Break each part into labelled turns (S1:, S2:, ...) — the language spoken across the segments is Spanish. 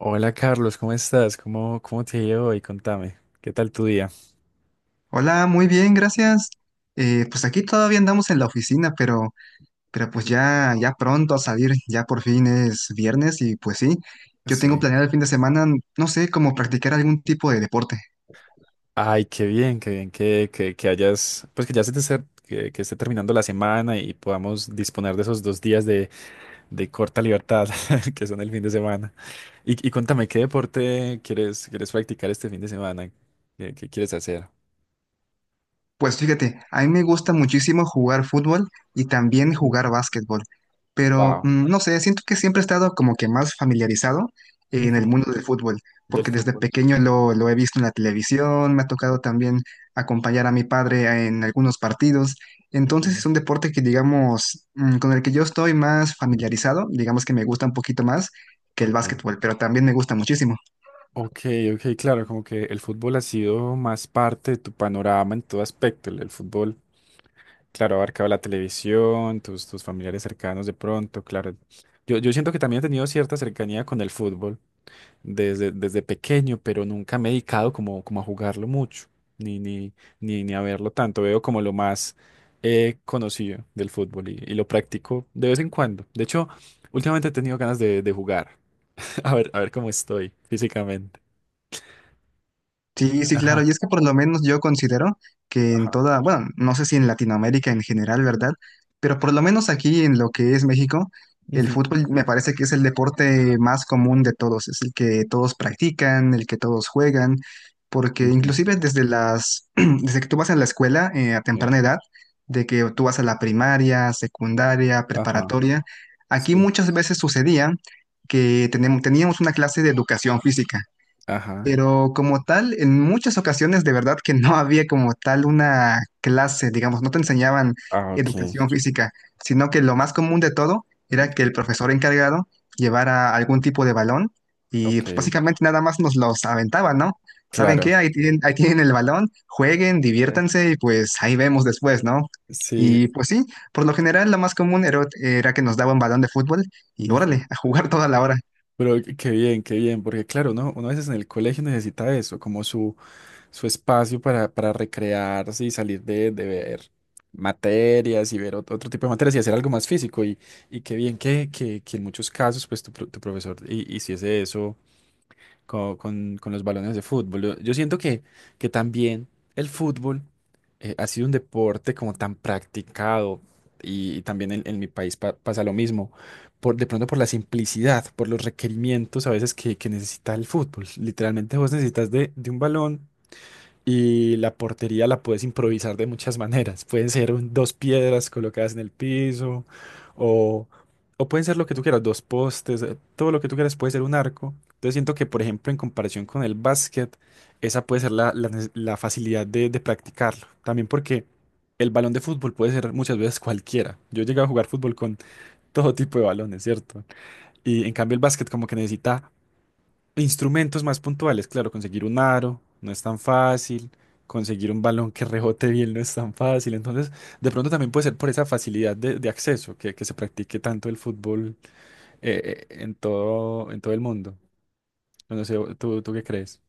S1: Hola Carlos, ¿cómo estás? ¿Cómo te ha ido hoy? Contame, ¿qué tal tu día?
S2: Hola, muy bien, gracias. Pues aquí todavía andamos en la oficina, pero, pero pues ya pronto a salir, ya por fin es viernes y pues sí, yo tengo
S1: Sí.
S2: planeado el fin de semana, no sé, como practicar algún tipo de deporte.
S1: Ay, qué bien que hayas, pues que ya se te esté, que esté terminando la semana y podamos disponer de esos dos días de corta libertad que son el fin de semana. Y contame, ¿qué deporte quieres practicar este fin de semana? ¿Qué quieres hacer?
S2: Pues fíjate, a mí me gusta muchísimo jugar fútbol y también
S1: Ujú.
S2: jugar básquetbol, pero
S1: Wow.
S2: no sé, siento que siempre he estado como que más familiarizado en el
S1: Ujú.
S2: mundo del fútbol,
S1: Del
S2: porque desde
S1: fútbol.
S2: pequeño lo he visto en la televisión, me ha tocado también acompañar a mi padre en algunos partidos, entonces
S1: Ujú.
S2: es un deporte que digamos, con el que yo estoy más familiarizado, digamos que me gusta un poquito más que el
S1: Ok.
S2: básquetbol, pero también me gusta muchísimo.
S1: Ok, ok, claro, como que el fútbol ha sido más parte de tu panorama en todo aspecto. El fútbol. Claro, abarcaba la televisión, tus familiares cercanos de pronto, claro. Yo siento que también he tenido cierta cercanía con el fútbol desde pequeño, pero nunca me he dedicado como a jugarlo mucho, ni, ni, ni a verlo tanto. Veo como lo más conocido del fútbol y lo practico de vez en cuando. De hecho, últimamente he tenido ganas de jugar, a ver cómo estoy físicamente.
S2: Sí, sí, claro.
S1: Ajá,
S2: Y es que por lo menos yo considero que en
S1: ajá.
S2: toda, bueno, no sé si en Latinoamérica en general, ¿verdad? Pero por lo menos aquí en lo que es México, el
S1: Ujú,
S2: fútbol me parece que es el deporte más común de todos, es el que todos practican, el que todos juegan, porque
S1: ujú,
S2: inclusive desde las, desde que tú vas a la escuela a
S1: sí.
S2: temprana edad, de que tú vas a la primaria, secundaria,
S1: Ajá,
S2: preparatoria, aquí
S1: sí.
S2: muchas veces sucedía que teníamos una clase de educación física.
S1: Ajá.
S2: Pero como tal, en muchas ocasiones de verdad que no había como tal una clase, digamos, no te enseñaban
S1: Ah, ok.
S2: educación física, sino que lo más común de todo era que
S1: Ujú.
S2: el profesor encargado llevara algún tipo de balón y pues,
S1: Ok.
S2: básicamente nada más nos los aventaba, ¿no? ¿Saben
S1: Claro,
S2: qué? Ahí tienen el balón, jueguen,
S1: güey.
S2: diviértanse y pues ahí vemos después, ¿no?
S1: Sí.
S2: Y pues sí, por lo general lo más común era que nos daba un balón de fútbol y
S1: Ujú.
S2: órale, a jugar toda la hora.
S1: Pero qué qué bien, porque claro, ¿no? Uno a veces en el colegio necesita eso, como su espacio para recrearse y salir de ver materias y ver otro tipo de materias y hacer algo más físico. Y qué bien que en muchos casos, pues tu, tu profesor hiciese eso con los balones de fútbol. Yo siento que también el fútbol ha sido un deporte como tan practicado y también en mi país pasa lo mismo, por, de pronto por la simplicidad, por los requerimientos a veces que necesita el fútbol. Literalmente vos necesitas de un balón y la portería la puedes improvisar de muchas maneras. Pueden ser dos piedras colocadas en el piso o, o pueden ser lo que tú quieras, dos postes, todo lo que tú quieras puede ser un arco. Entonces siento que, por ejemplo, en comparación con el básquet, esa puede ser la la facilidad de practicarlo. También porque el balón de fútbol puede ser muchas veces cualquiera. Yo he llegado a jugar fútbol con todo tipo de balones, ¿cierto? Y en cambio el básquet como que necesita instrumentos más puntuales, claro, conseguir un aro no es tan fácil, conseguir un balón que rebote bien no es tan fácil, entonces de pronto también puede ser por esa facilidad de acceso que se practique tanto el fútbol en todo el mundo. No sé, ¿tú qué crees?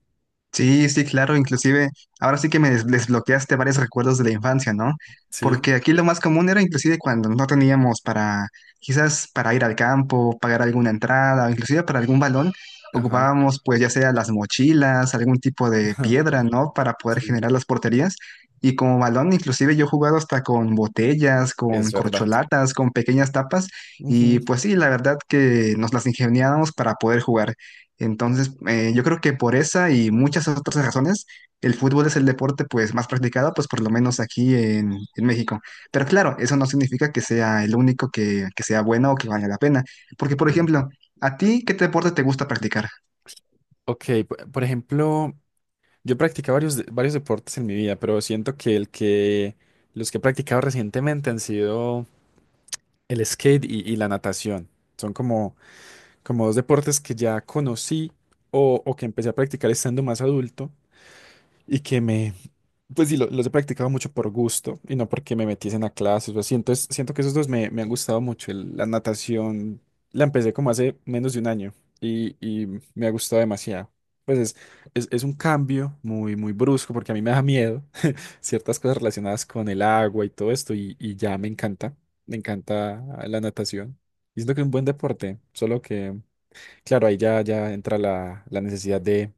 S2: Sí, sí, claro, inclusive ahora sí que me desbloqueaste varios recuerdos de la infancia, ¿no?
S1: Sí,
S2: Porque aquí lo más común era inclusive cuando no teníamos para, quizás para ir al campo, pagar alguna entrada, o inclusive para algún balón,
S1: ajá,
S2: ocupábamos pues ya sea las mochilas, algún tipo de
S1: ajá,
S2: piedra, ¿no? Para poder
S1: sí,
S2: generar las porterías. Y como balón, inclusive yo he jugado hasta con botellas,
S1: es
S2: con
S1: verdad.
S2: corcholatas, con pequeñas tapas, y
S1: Ujú.
S2: pues sí, la verdad que nos las ingeniábamos para poder jugar. Entonces, yo creo que por esa y muchas otras razones, el fútbol es el deporte pues más practicado, pues por lo menos aquí en México. Pero claro, eso no significa que sea el único que sea bueno o que valga la pena. Porque, por
S1: Ok.
S2: ejemplo, ¿a ti qué deporte te gusta practicar?
S1: Ok, por ejemplo, yo practicado varios, varios deportes en mi vida, pero siento que el que los que he practicado recientemente han sido el skate y la natación son como, como dos deportes que ya conocí o que empecé a practicar estando más adulto y pues sí, los he practicado mucho por gusto y no porque me metiesen a clases o así. Entonces siento que esos dos me, me han gustado mucho. La natación la empecé como hace menos de un año y me ha gustado demasiado. Pues es un cambio muy, muy brusco porque a mí me da miedo ciertas cosas relacionadas con el agua y todo esto, y ya me encanta la natación. Y siento que es un buen deporte, solo que, claro, ahí ya, ya entra la, la necesidad de,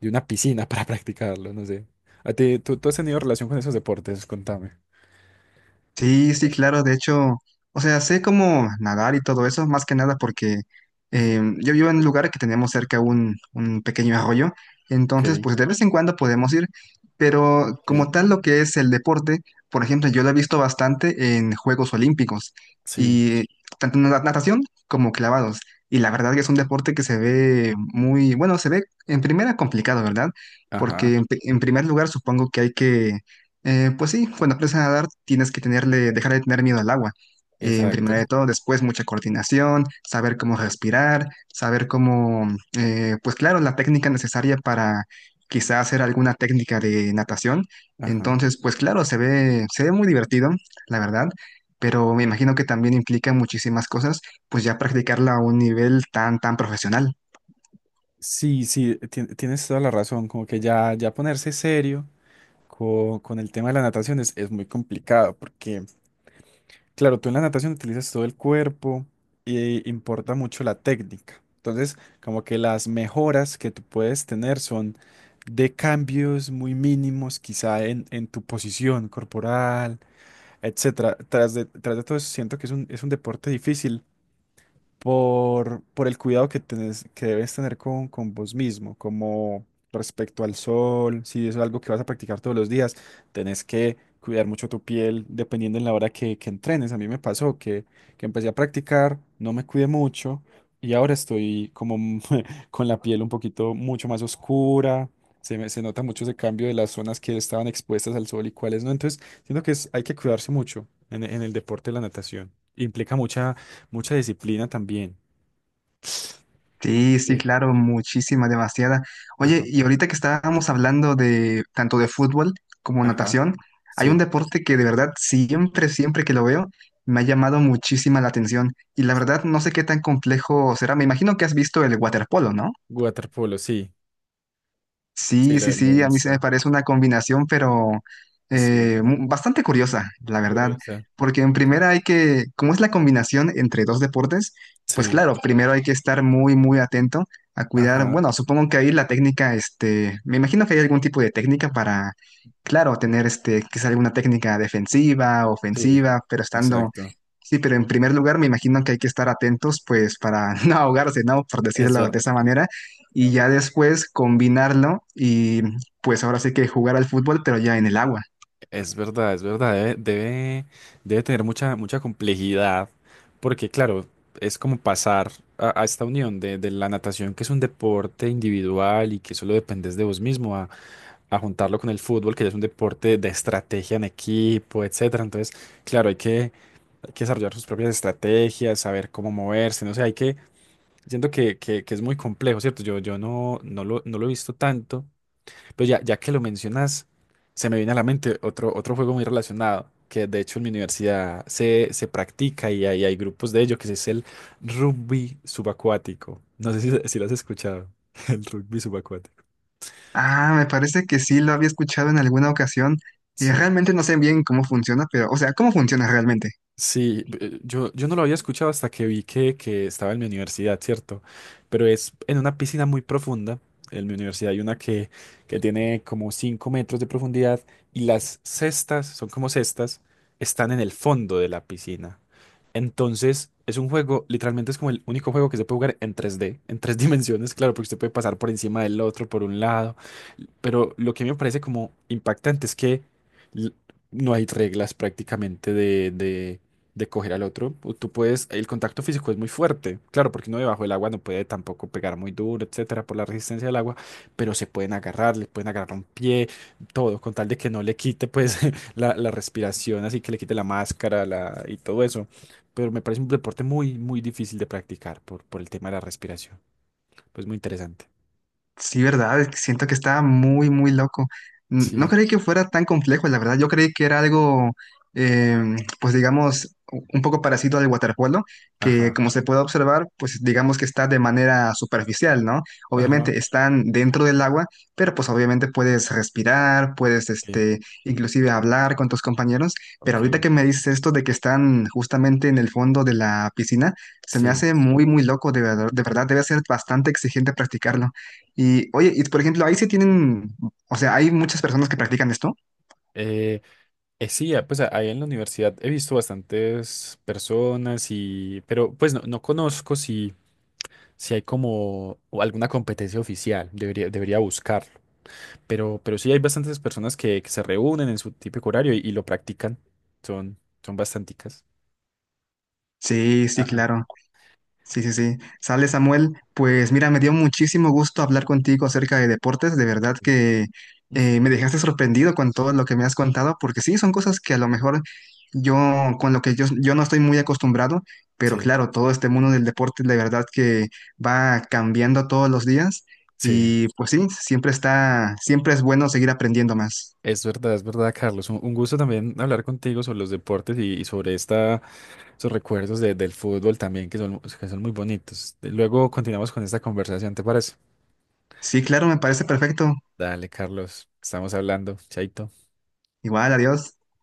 S1: de una piscina para practicarlo, no sé. ¿A ti, tú has tenido relación con esos deportes? Contame.
S2: Sí, sí, claro, de hecho, o sea, sé cómo nadar y todo eso, más que nada porque
S1: Ujú.
S2: yo vivo en un lugar que tenemos cerca un pequeño arroyo,
S1: Ok,
S2: entonces pues de vez en cuando podemos ir, pero
S1: ok.
S2: como tal lo que es el deporte, por ejemplo, yo lo he visto bastante en Juegos Olímpicos
S1: Sí,
S2: y tanto en la natación como clavados, y la verdad que es un deporte que se ve muy, bueno, se ve en primera complicado, ¿verdad?
S1: ajá,
S2: Porque en, en primer lugar supongo que hay que pues sí, cuando aprendes a nadar tienes que tenerle, dejar de tener miedo al agua. En primero
S1: exacto,
S2: de todo, después mucha coordinación, saber cómo respirar, saber cómo, pues claro, la técnica necesaria para quizá hacer alguna técnica de natación.
S1: ajá.
S2: Entonces, pues claro, se ve muy divertido, la verdad, pero me imagino que también implica muchísimas cosas, pues ya practicarla a un nivel tan, tan profesional.
S1: Sí, sí, tienes toda la razón, como que ya, ya ponerse serio con, el tema de la natación es muy complicado, porque claro, tú en la natación utilizas todo el cuerpo y importa mucho la técnica. Entonces, como que las mejoras que tú puedes tener son de cambios muy mínimos, quizá en tu posición corporal, etcétera. Tras de todo eso, siento que es un deporte difícil por el cuidado que que debes tener con vos mismo, como respecto al sol, si es algo que vas a practicar todos los días, tenés que cuidar mucho tu piel dependiendo en la hora que entrenes. A mí me pasó que empecé a practicar, no me cuidé mucho y ahora estoy como con la piel un poquito mucho más oscura. Se se nota mucho ese cambio de las zonas que estaban expuestas al sol y cuáles no. Entonces, siento que hay que cuidarse mucho en el deporte de la natación. Implica mucha mucha disciplina también.
S2: Sí, sí,
S1: Sí.
S2: claro, muchísima, demasiada. Oye,
S1: Ajá,
S2: y ahorita que estábamos hablando de tanto de fútbol como
S1: ajá,
S2: natación, hay un
S1: sí.
S2: deporte que de verdad siempre, siempre que lo veo, me ha llamado muchísima la atención. Y la
S1: Sí.
S2: verdad no sé qué tan complejo será. Me imagino que has visto el waterpolo, ¿no?
S1: Waterpolo, sí, sí,
S2: Sí, sí,
S1: lo he
S2: sí, a mí se
S1: visto.
S2: me parece una combinación, pero
S1: Sí,
S2: bastante curiosa, la verdad,
S1: curiosa.
S2: porque en
S1: Ok.
S2: primera hay que, como es la combinación entre dos deportes, pues
S1: Sí,
S2: claro, primero hay que estar muy, muy atento a cuidar,
S1: ajá,
S2: bueno, supongo que ahí la técnica, este, me imagino que hay algún tipo de técnica para, claro, tener, este, quizá alguna técnica defensiva,
S1: sí,
S2: ofensiva, pero estando,
S1: exacto.
S2: sí, pero en primer lugar me imagino que hay que estar atentos, pues, para no ahogarse, ¿no? Por
S1: Es
S2: decirlo
S1: ver,
S2: de esa manera y ya después combinarlo y pues ahora sí que jugar al fútbol, pero ya en el agua.
S1: es verdad, es verdad. Debe, debe, debe tener mucha, mucha complejidad, porque claro, es como pasar a esta unión de la natación, que es un deporte individual y que solo dependes de vos mismo, a juntarlo con el fútbol, que ya es un deporte de estrategia en equipo, etcétera. Entonces, claro, hay que desarrollar sus propias estrategias, saber cómo moverse, no sé, hay que, siento que es muy complejo, ¿cierto? Yo no lo he visto tanto, pero ya, ya que lo mencionas, se me viene a la mente otro, otro juego muy relacionado, que de hecho en mi universidad se practica y hay grupos de ello, que es el rugby subacuático. No sé si, si lo has escuchado, el rugby subacuático.
S2: Ah, me parece que sí lo había escuchado en alguna ocasión.
S1: Sí.
S2: Realmente no sé bien cómo funciona, pero, o sea, ¿cómo funciona realmente?
S1: Sí, yo no lo había escuchado hasta que vi que estaba en mi universidad, ¿cierto? Pero es en una piscina muy profunda. En mi universidad hay una que tiene como 5 metros de profundidad y las cestas, son como cestas, están en el fondo de la piscina. Entonces, es un juego, literalmente es como el único juego que se puede jugar en tres d en tres dimensiones, claro, porque usted puede pasar por encima del otro, por un lado. Pero lo que me parece como impactante es que l- no hay reglas prácticamente de coger al otro. O Tú puedes, el contacto físico es muy fuerte, claro, porque uno debajo del agua no puede tampoco pegar muy duro, etcétera, por la resistencia del agua, pero se pueden agarrar, le pueden agarrar un pie, todo, con tal de que no le quite pues la respiración, así que le quite la máscara y todo eso. Pero me parece un deporte muy, muy difícil de practicar por el tema de la respiración. Pues muy interesante.
S2: Sí, verdad, es que siento que está muy, muy loco. No
S1: Sí,
S2: creí que fuera tan complejo, la verdad. Yo creí que era algo, pues digamos, un poco parecido al waterpolo, que
S1: ajá,
S2: como se puede observar, pues digamos que está de manera superficial, ¿no?
S1: ajá,
S2: Obviamente están dentro del agua, pero pues obviamente puedes respirar, puedes,
S1: sí,
S2: este, inclusive hablar con tus compañeros. Pero
S1: ok,
S2: ahorita que me dices esto de que están justamente en el fondo de la piscina, se me
S1: sí.
S2: hace muy, muy loco, de verdad, debe ser bastante exigente practicarlo. Y oye, y por ejemplo, ahí sí tienen, o sea, hay muchas personas que practican esto.
S1: Eh, sí, ah, pues ahí en la universidad he visto bastantes personas y, pero pues no, no conozco si, si hay como o alguna competencia oficial, debería, debería buscarlo, pero sí hay bastantes personas que se reúnen en su típico horario y lo practican, son, son bastanticas.
S2: Sí, sí,
S1: Ajá.
S2: claro. Sí, sí, sí. Sale Samuel, pues mira, me dio muchísimo gusto hablar contigo acerca de deportes. De verdad que me dejaste sorprendido con todo lo que me has contado, porque sí, son cosas que a lo mejor yo, con lo que yo no estoy muy acostumbrado, pero
S1: Sí,
S2: claro, todo este mundo del deporte de verdad que va cambiando todos los días.
S1: sí,
S2: Y pues sí, siempre está, siempre es bueno seguir aprendiendo más.
S1: es verdad, Carlos, un gusto también hablar contigo sobre los deportes y sobre esta, esos recuerdos del fútbol también que son muy bonitos. Luego continuamos con esta conversación, ¿te parece?
S2: Sí, claro, me parece perfecto.
S1: Dale, Carlos, estamos hablando. Chaito.
S2: Igual, adiós.